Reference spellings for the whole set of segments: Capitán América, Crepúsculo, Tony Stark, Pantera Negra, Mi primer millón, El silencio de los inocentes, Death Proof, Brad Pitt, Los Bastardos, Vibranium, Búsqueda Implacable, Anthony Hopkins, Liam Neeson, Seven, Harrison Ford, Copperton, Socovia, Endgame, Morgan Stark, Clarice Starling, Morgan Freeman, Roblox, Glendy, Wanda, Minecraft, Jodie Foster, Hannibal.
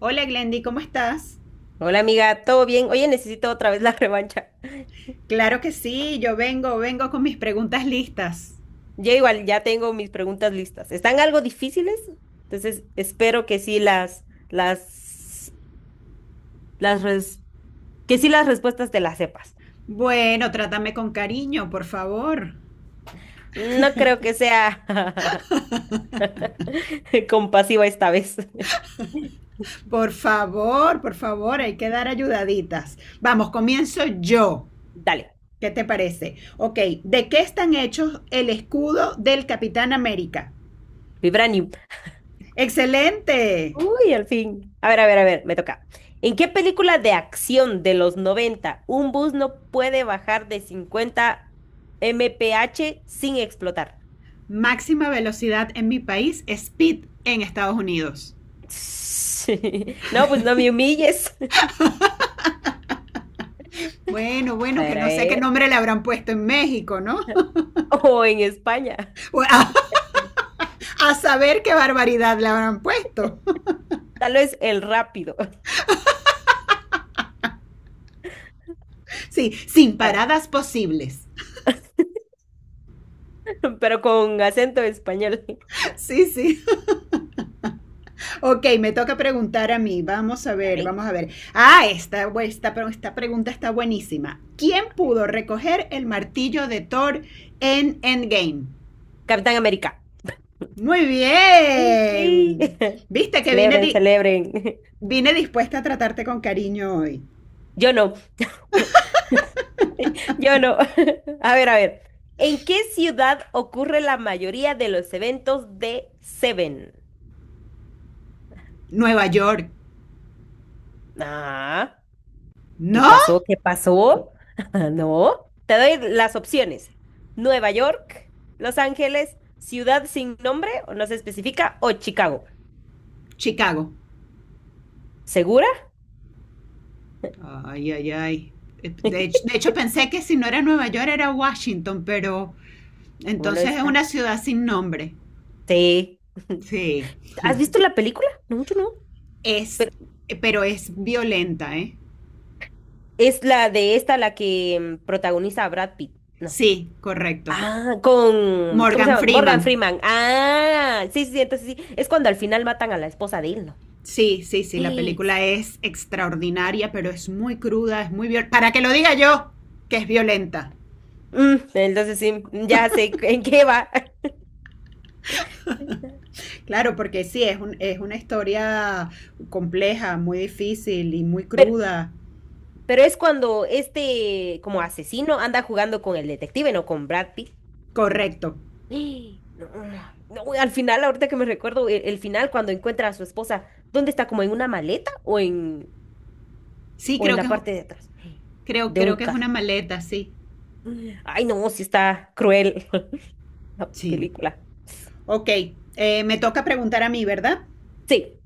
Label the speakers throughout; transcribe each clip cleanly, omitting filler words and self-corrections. Speaker 1: Hola Glendy, ¿cómo estás?
Speaker 2: Hola amiga, ¿todo bien? Oye, necesito otra vez la revancha.
Speaker 1: Claro que sí, yo vengo con mis preguntas listas.
Speaker 2: Ya igual, ya tengo mis preguntas listas. Están algo difíciles, entonces espero que sí las, las, res- que sí las respuestas te las sepas.
Speaker 1: Bueno, trátame con cariño, por favor.
Speaker 2: No creo que sea compasiva esta vez.
Speaker 1: Por favor, por favor, hay que dar ayudaditas. Vamos, comienzo yo.
Speaker 2: Dale,
Speaker 1: ¿Qué te parece? Ok, ¿de qué están hechos el escudo del Capitán América?
Speaker 2: Vibranium.
Speaker 1: Excelente.
Speaker 2: Uy, al fin. A ver, me toca. ¿En qué película de acción de los 90 un bus no puede bajar de 50 mph sin explotar?
Speaker 1: Máxima velocidad en mi país, speed en Estados Unidos.
Speaker 2: Sí. No, pues no me humilles.
Speaker 1: Bueno,
Speaker 2: A
Speaker 1: bueno, que
Speaker 2: ver, a
Speaker 1: no sé qué
Speaker 2: ver.
Speaker 1: nombre le habrán puesto en México, ¿no?
Speaker 2: O en España.
Speaker 1: Bueno, a saber qué barbaridad le habrán puesto.
Speaker 2: Tal vez el rápido.
Speaker 1: Sí, sin
Speaker 2: A ver,
Speaker 1: paradas posibles.
Speaker 2: pero con acento español.
Speaker 1: Sí, sí. Ok, me toca preguntar a mí. Vamos a ver,
Speaker 2: Dale.
Speaker 1: vamos a ver. Ah, esta pregunta está buenísima. ¿Quién
Speaker 2: A ver.
Speaker 1: pudo recoger el martillo de Thor en Endgame?
Speaker 2: Capitán América.
Speaker 1: Muy
Speaker 2: Sí, sí.
Speaker 1: bien. Viste que vine,
Speaker 2: Celebren, celebren.
Speaker 1: vine dispuesta a tratarte con cariño hoy.
Speaker 2: Yo no, yo no. A ver. ¿En qué ciudad ocurre la mayoría de los eventos de Seven?
Speaker 1: Nueva York.
Speaker 2: Ah. ¿Qué
Speaker 1: ¿No?
Speaker 2: pasó? ¿Qué pasó? No. Te doy las opciones. Nueva York, Los Ángeles, ciudad sin nombre o no se especifica, o Chicago.
Speaker 1: Chicago.
Speaker 2: ¿Segura?
Speaker 1: Ay, ay, ay. De hecho, de hecho, pensé que si no era Nueva York era Washington, pero
Speaker 2: ¿Cómo no
Speaker 1: entonces es
Speaker 2: está?
Speaker 1: una ciudad sin nombre.
Speaker 2: Sí.
Speaker 1: Sí.
Speaker 2: ¿Has visto la película? No, yo no.
Speaker 1: Es,
Speaker 2: Pero
Speaker 1: pero es violenta, ¿eh?
Speaker 2: es la de esta la que protagoniza a Brad Pitt. No.
Speaker 1: Sí, correcto.
Speaker 2: Ah, con, ¿cómo se
Speaker 1: Morgan
Speaker 2: llama? Morgan
Speaker 1: Freeman.
Speaker 2: Freeman. Ah, sí, sí, entonces sí. Sí. Es cuando al final matan a la esposa de él, ¿no?
Speaker 1: Sí, sí, sí, la película es extraordinaria, pero es muy cruda, es muy violenta. Para que lo diga yo, que es violenta.
Speaker 2: Entonces sí, ya sé en qué va.
Speaker 1: Claro, porque sí, es, un, es una historia compleja, muy difícil y muy cruda.
Speaker 2: Pero es cuando este como asesino anda jugando con el detective, no con Brad Pitt.
Speaker 1: Correcto.
Speaker 2: ¡Ah! No, no, no, al final, ahorita que me recuerdo, el final cuando encuentra a su esposa, ¿dónde está? ¿Como en una maleta o
Speaker 1: Sí,
Speaker 2: o en
Speaker 1: creo que
Speaker 2: la
Speaker 1: es.
Speaker 2: parte de atrás
Speaker 1: Creo,
Speaker 2: de
Speaker 1: creo
Speaker 2: un
Speaker 1: que es
Speaker 2: carro?
Speaker 1: una maleta, sí.
Speaker 2: Ay, no, sí está cruel la
Speaker 1: Sí.
Speaker 2: película.
Speaker 1: Ok, me toca preguntar a mí, ¿verdad?
Speaker 2: Sí.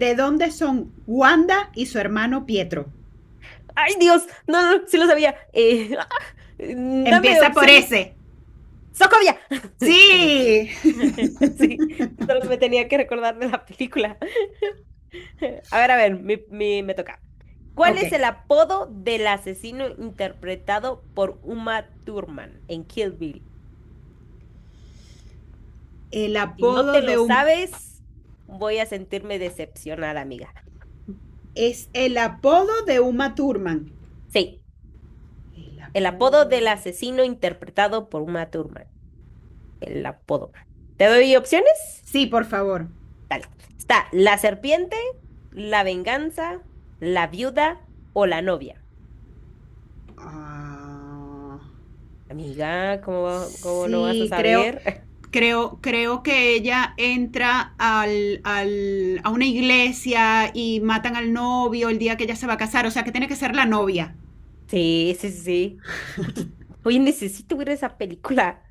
Speaker 1: ¿De dónde son Wanda y su hermano Pietro?
Speaker 2: Ay, Dios, no, no, sí lo sabía. Dame
Speaker 1: Empieza por
Speaker 2: opciones.
Speaker 1: ese.
Speaker 2: Socovia. Sí.
Speaker 1: Sí.
Speaker 2: Sí, solo me tenía que recordar de la película. A ver, mi- mi- Me toca. ¿Cuál
Speaker 1: Ok.
Speaker 2: es el apodo del asesino interpretado por Uma Thurman en Kill Bill?
Speaker 1: El
Speaker 2: Si no
Speaker 1: apodo
Speaker 2: te lo
Speaker 1: de un...
Speaker 2: sabes, voy a sentirme decepcionada, amiga.
Speaker 1: Es el apodo de Uma Thurman.
Speaker 2: Sí,
Speaker 1: El
Speaker 2: el apodo del
Speaker 1: apodo...
Speaker 2: asesino interpretado por Uma Thurman. El apodo. ¿Te doy opciones?
Speaker 1: Sí, por favor.
Speaker 2: Dale. Está la serpiente, la venganza, la viuda o la novia.
Speaker 1: Ah,
Speaker 2: Amiga, ¿cómo no vas a
Speaker 1: sí, creo.
Speaker 2: saber?
Speaker 1: Creo que ella entra al, a una iglesia y matan al novio el día que ella se va a casar. O sea, que tiene que ser la novia.
Speaker 2: Sí. Oye, oye, necesito ver esa película.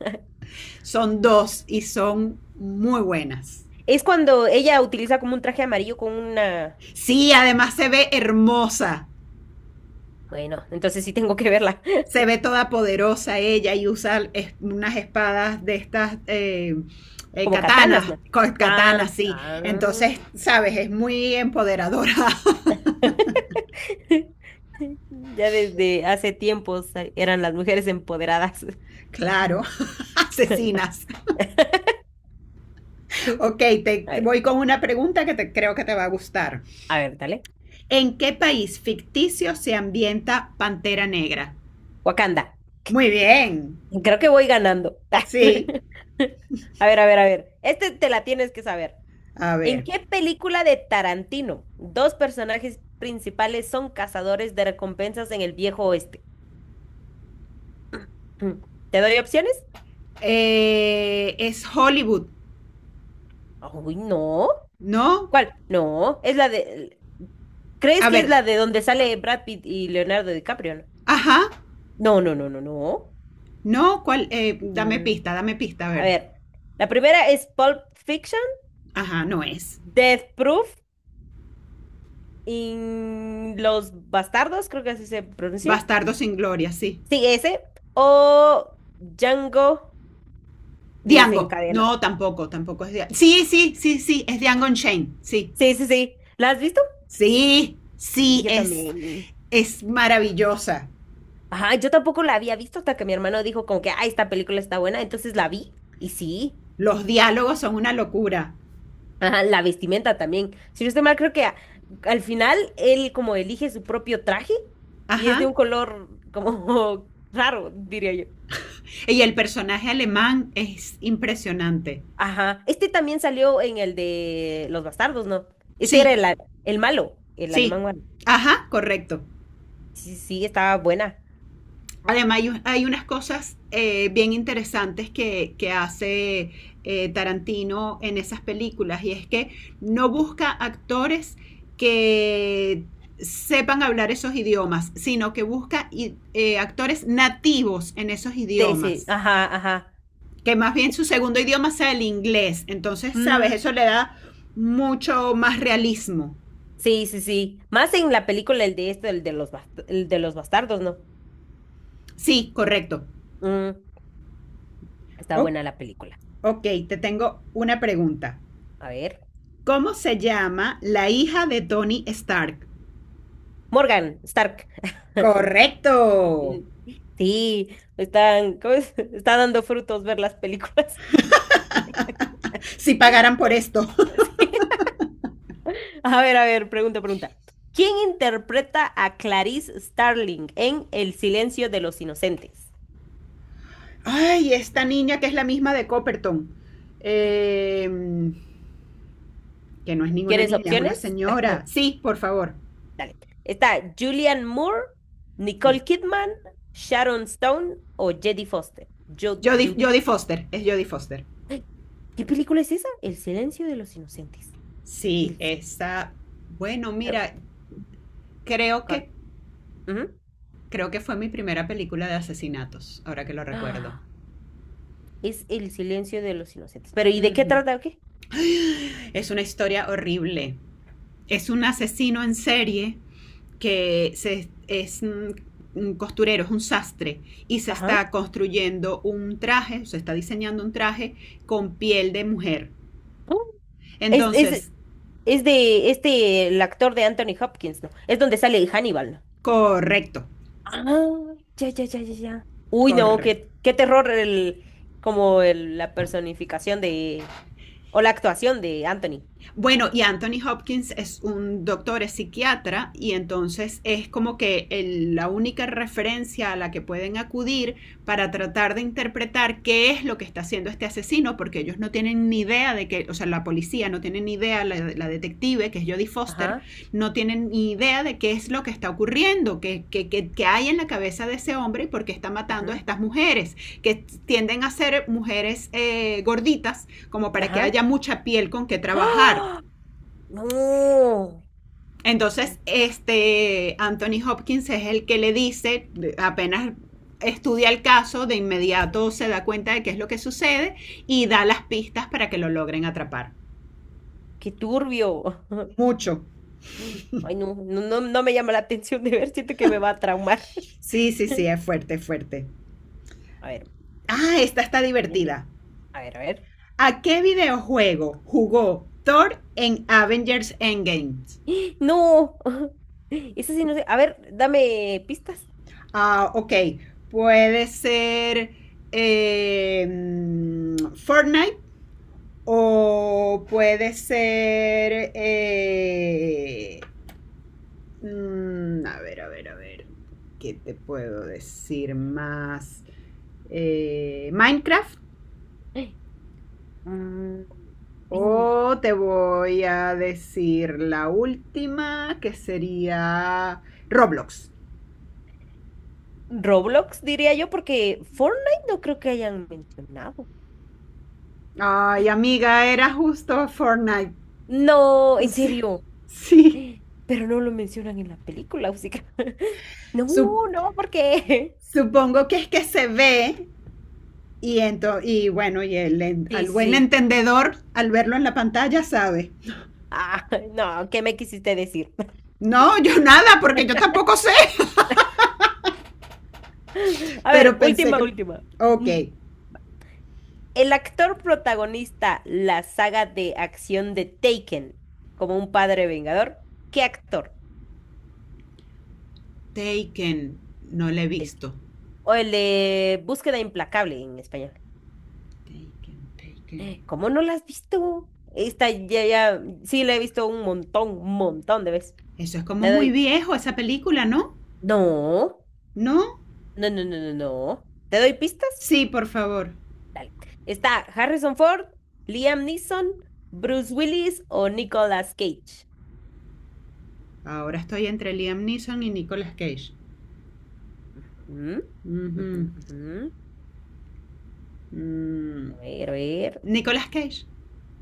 Speaker 1: Son dos y son muy buenas.
Speaker 2: Es cuando ella utiliza como un traje amarillo con una...
Speaker 1: Sí, además se ve hermosa.
Speaker 2: Bueno, entonces sí tengo que verla.
Speaker 1: Se ve toda poderosa ella y usa unas espadas de estas
Speaker 2: Como katanas,
Speaker 1: katanas,
Speaker 2: ¿no?
Speaker 1: katanas,
Speaker 2: Ah,
Speaker 1: sí.
Speaker 2: ah.
Speaker 1: Entonces, sabes, es muy empoderadora.
Speaker 2: Ya desde hace tiempos eran las mujeres empoderadas. Mm.
Speaker 1: claro, asesinas. Ok, te
Speaker 2: A ver,
Speaker 1: voy con una pregunta que te, creo que te va a gustar.
Speaker 2: a ver, dale.
Speaker 1: ¿En qué país ficticio se ambienta Pantera Negra?
Speaker 2: Wakanda.
Speaker 1: Muy bien.
Speaker 2: Creo que voy ganando.
Speaker 1: Sí.
Speaker 2: A ver. Este te la tienes que saber.
Speaker 1: A
Speaker 2: ¿En
Speaker 1: ver.
Speaker 2: qué película de Tarantino dos personajes principales son cazadores de recompensas en el viejo oeste? Mm, ¿Te doy opciones?
Speaker 1: Es Hollywood,
Speaker 2: Uy, no.
Speaker 1: ¿no?
Speaker 2: ¿Cuál? No, es la de... ¿Crees
Speaker 1: A
Speaker 2: que es
Speaker 1: ver.
Speaker 2: la de donde sale Brad Pitt y Leonardo DiCaprio?
Speaker 1: Ajá.
Speaker 2: No, no, no, no, no.
Speaker 1: No, ¿cuál?
Speaker 2: No.
Speaker 1: Dame
Speaker 2: Mm,
Speaker 1: pista, dame pista, a
Speaker 2: A
Speaker 1: ver.
Speaker 2: ver, la primera es Pulp Fiction,
Speaker 1: Ajá, no
Speaker 2: D-
Speaker 1: es.
Speaker 2: Death Proof y Los Bastardos, creo que así se pronuncia.
Speaker 1: Bastardo sin gloria, sí.
Speaker 2: Sí, ese. O Django
Speaker 1: Diango.
Speaker 2: desencadenado.
Speaker 1: No, tampoco, tampoco es Diango. Sí, sí, sí, sí, es Diango Shane. Sí.
Speaker 2: Sí. ¿La has visto?
Speaker 1: Sí,
Speaker 2: Sí,
Speaker 1: sí,
Speaker 2: yo también.
Speaker 1: es maravillosa.
Speaker 2: Ajá, yo tampoco la había visto hasta que mi hermano dijo como que, ah, esta película está buena, entonces la vi y sí.
Speaker 1: Los diálogos son una locura.
Speaker 2: Ajá, la vestimenta también. Si no estoy mal, creo que al final él como elige su propio traje y es de
Speaker 1: Ajá.
Speaker 2: un color como raro, diría yo.
Speaker 1: Y el personaje alemán es impresionante.
Speaker 2: Ajá, este también salió en el de Los Bastardos, ¿no? Este era
Speaker 1: Sí,
Speaker 2: el malo, el
Speaker 1: sí.
Speaker 2: alemán malo.
Speaker 1: Ajá, correcto.
Speaker 2: Sí, estaba buena.
Speaker 1: Además, hay, un- hay unas cosas bien interesantes que hace Tarantino en esas películas y es que no busca actores que sepan hablar esos idiomas, sino que busca actores nativos en esos
Speaker 2: De ese,
Speaker 1: idiomas.
Speaker 2: ajá, ajá.
Speaker 1: Que más bien su segundo idioma sea el inglés. Entonces, ¿sabes?
Speaker 2: Mm,
Speaker 1: Eso le da mucho más realismo.
Speaker 2: sí. Más en la película, el de esto, el de los, el de los bastardos, ¿no?
Speaker 1: Sí, correcto.
Speaker 2: Mm, está
Speaker 1: Oh,
Speaker 2: buena la película.
Speaker 1: ok, te tengo una pregunta.
Speaker 2: A ver.
Speaker 1: ¿Cómo se llama la hija de Tony Stark?
Speaker 2: Morgan Stark.
Speaker 1: Correcto.
Speaker 2: Ujú. Sí, están, ¿cómo es? Está dando frutos ver las películas.
Speaker 1: Si pagaran por esto.
Speaker 2: Sí. A ver, pregunta. ¿Quién interpreta a Clarice Starling en El silencio de los inocentes?
Speaker 1: Ay, esta niña que es la misma de Copperton. Eh, que no es ninguna
Speaker 2: ¿Quieres
Speaker 1: niña, es una
Speaker 2: opciones?
Speaker 1: señora. Sí, por favor.
Speaker 2: Dale. Está Julianne Moore, Nicole Kidman, Sharon Stone o Jodie Foster. Yo,
Speaker 1: Jodie,
Speaker 2: Judy.
Speaker 1: Jodie Foster, es Jodie Foster.
Speaker 2: ¿Qué película es esa? El silencio de los inocentes.
Speaker 1: Sí,
Speaker 2: El... si-
Speaker 1: esa... Bueno,
Speaker 2: pero,
Speaker 1: mira, creo
Speaker 2: cal-
Speaker 1: que,
Speaker 2: Ujú.
Speaker 1: creo que fue mi primera película de asesinatos, ahora que lo recuerdo.
Speaker 2: Ah, es El silencio de los inocentes. Pero ¿y de qué
Speaker 1: Ujú.
Speaker 2: trata o qué?
Speaker 1: Es una historia horrible. Es un asesino en serie que se, es un costurero, es un sastre, y se
Speaker 2: Ajá.
Speaker 1: está construyendo un traje, se está diseñando un traje con piel de mujer.
Speaker 2: Ah, Es, es,
Speaker 1: Entonces,
Speaker 2: es de este, el actor de Anthony Hopkins, ¿no? Es donde sale Hannibal, ¿no?
Speaker 1: correcto,
Speaker 2: Ah, ya. Uy, no,
Speaker 1: correcto.
Speaker 2: qué terror como el, la personificación de, o la actuación de Anthony.
Speaker 1: Bueno, y Anthony Hopkins es un doctor, es psiquiatra, y entonces es como que la única referencia a la que pueden acudir para tratar de interpretar qué es lo que está haciendo este asesino, porque ellos no tienen ni idea de que, o sea, la policía no tiene ni idea, la detective, que es Jodie Foster,
Speaker 2: Ajá,
Speaker 1: no tienen ni idea de qué es lo que está ocurriendo, qué, que qué hay en la cabeza de ese hombre y por qué está matando a
Speaker 2: ujú,
Speaker 1: estas mujeres, que tienden a ser mujeres gorditas como para que
Speaker 2: ajá.
Speaker 1: haya mucha piel con que trabajar.
Speaker 2: ¡Ah! No.
Speaker 1: Entonces, este Anthony Hopkins es el que le dice, apenas estudia el caso, de inmediato se da cuenta de qué es lo que sucede y da las pistas para que lo logren atrapar.
Speaker 2: Qué turbio.
Speaker 1: Mucho.
Speaker 2: Ay, no, me llama la atención de ver, siento que me va a traumar.
Speaker 1: Sí, sí, sí, es fuerte, es fuerte.
Speaker 2: A ver,
Speaker 1: Ah, esta está
Speaker 2: siguiente.
Speaker 1: divertida.
Speaker 2: A ver.
Speaker 1: ¿A qué videojuego jugó Thor en Avengers Endgame?
Speaker 2: No. Eso sí, no sé. A ver, dame pistas.
Speaker 1: Ah, ok. Puede ser Fortnite. O puede ser. A ver, a ver, a ver. ¿Qué te puedo decir más? Minecraft.
Speaker 2: Mm, en
Speaker 1: O te voy a decir la última, que sería Roblox.
Speaker 2: Roblox, diría yo, porque Fortnite no creo que hayan mencionado.
Speaker 1: Ay, amiga, era justo Fortnite.
Speaker 2: No, en
Speaker 1: Sí,
Speaker 2: serio.
Speaker 1: sí.
Speaker 2: Pero no lo mencionan en la película, así que- No,
Speaker 1: Sup-
Speaker 2: no, ¿por qué?
Speaker 1: Supongo que es que se ve. Y, y bueno, y el,
Speaker 2: Sí,
Speaker 1: al
Speaker 2: sí,
Speaker 1: buen
Speaker 2: sí.
Speaker 1: entendedor, al verlo en la pantalla, sabe.
Speaker 2: Ah, no, ¿qué me quisiste decir?
Speaker 1: No, yo nada, porque yo tampoco sé.
Speaker 2: A ver,
Speaker 1: Pero pensé
Speaker 2: última,
Speaker 1: que...
Speaker 2: última.
Speaker 1: Ok.
Speaker 2: Mm. El actor protagonista la saga de acción de Taken, como un padre vengador, ¿qué actor?
Speaker 1: Taken. No la he
Speaker 2: Taken.
Speaker 1: visto.
Speaker 2: O el de Búsqueda Implacable en español.
Speaker 1: Taken, Taken.
Speaker 2: ¿Cómo no la has visto? Esta ya, sí la he visto un montón de veces.
Speaker 1: Eso es como
Speaker 2: Te
Speaker 1: muy
Speaker 2: doy.
Speaker 1: viejo, esa película, ¿no?
Speaker 2: No,
Speaker 1: ¿No?
Speaker 2: no. ¿Te doy pistas?
Speaker 1: Sí, por favor.
Speaker 2: Dale. Está Harrison Ford, Liam Neeson, Bruce Willis o Nicolas Cage.
Speaker 1: Ahora estoy entre Liam Neeson y Nicolas Cage.
Speaker 2: Mm, ujú,
Speaker 1: Ujú.
Speaker 2: ujú.
Speaker 1: Mm,
Speaker 2: A ver.
Speaker 1: Nicolas Cage.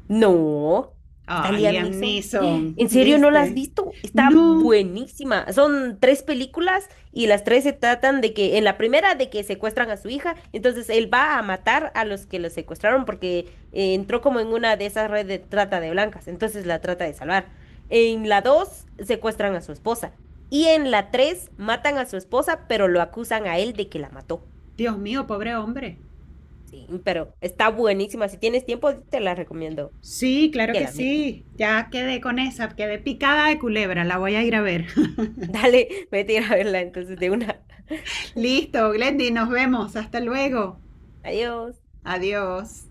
Speaker 2: No, está
Speaker 1: Ah,
Speaker 2: Liam
Speaker 1: Liam
Speaker 2: Neeson.
Speaker 1: Neeson,
Speaker 2: ¿En serio no la has
Speaker 1: ¿viste?
Speaker 2: visto? Está
Speaker 1: No.
Speaker 2: buenísima. Son 3 películas y las 3 se tratan de que, en la primera, de que secuestran a su hija, entonces él va a matar a los que lo secuestraron porque entró como en una de esas redes de trata de blancas, entonces la trata de salvar. En la dos, secuestran a su esposa. Y en la tres, matan a su esposa, pero lo acusan a él de que la mató.
Speaker 1: Dios mío, pobre hombre.
Speaker 2: Sí, pero está buenísima. Si tienes tiempo, te la recomiendo
Speaker 1: Sí, claro
Speaker 2: que
Speaker 1: que
Speaker 2: la mires.
Speaker 1: sí. Ya quedé con esa, quedé picada de culebra, la voy a ir a ver.
Speaker 2: Dale, vete a ir a verla entonces de una.
Speaker 1: Listo, Glendy, nos vemos. Hasta luego.
Speaker 2: Adiós.
Speaker 1: Adiós.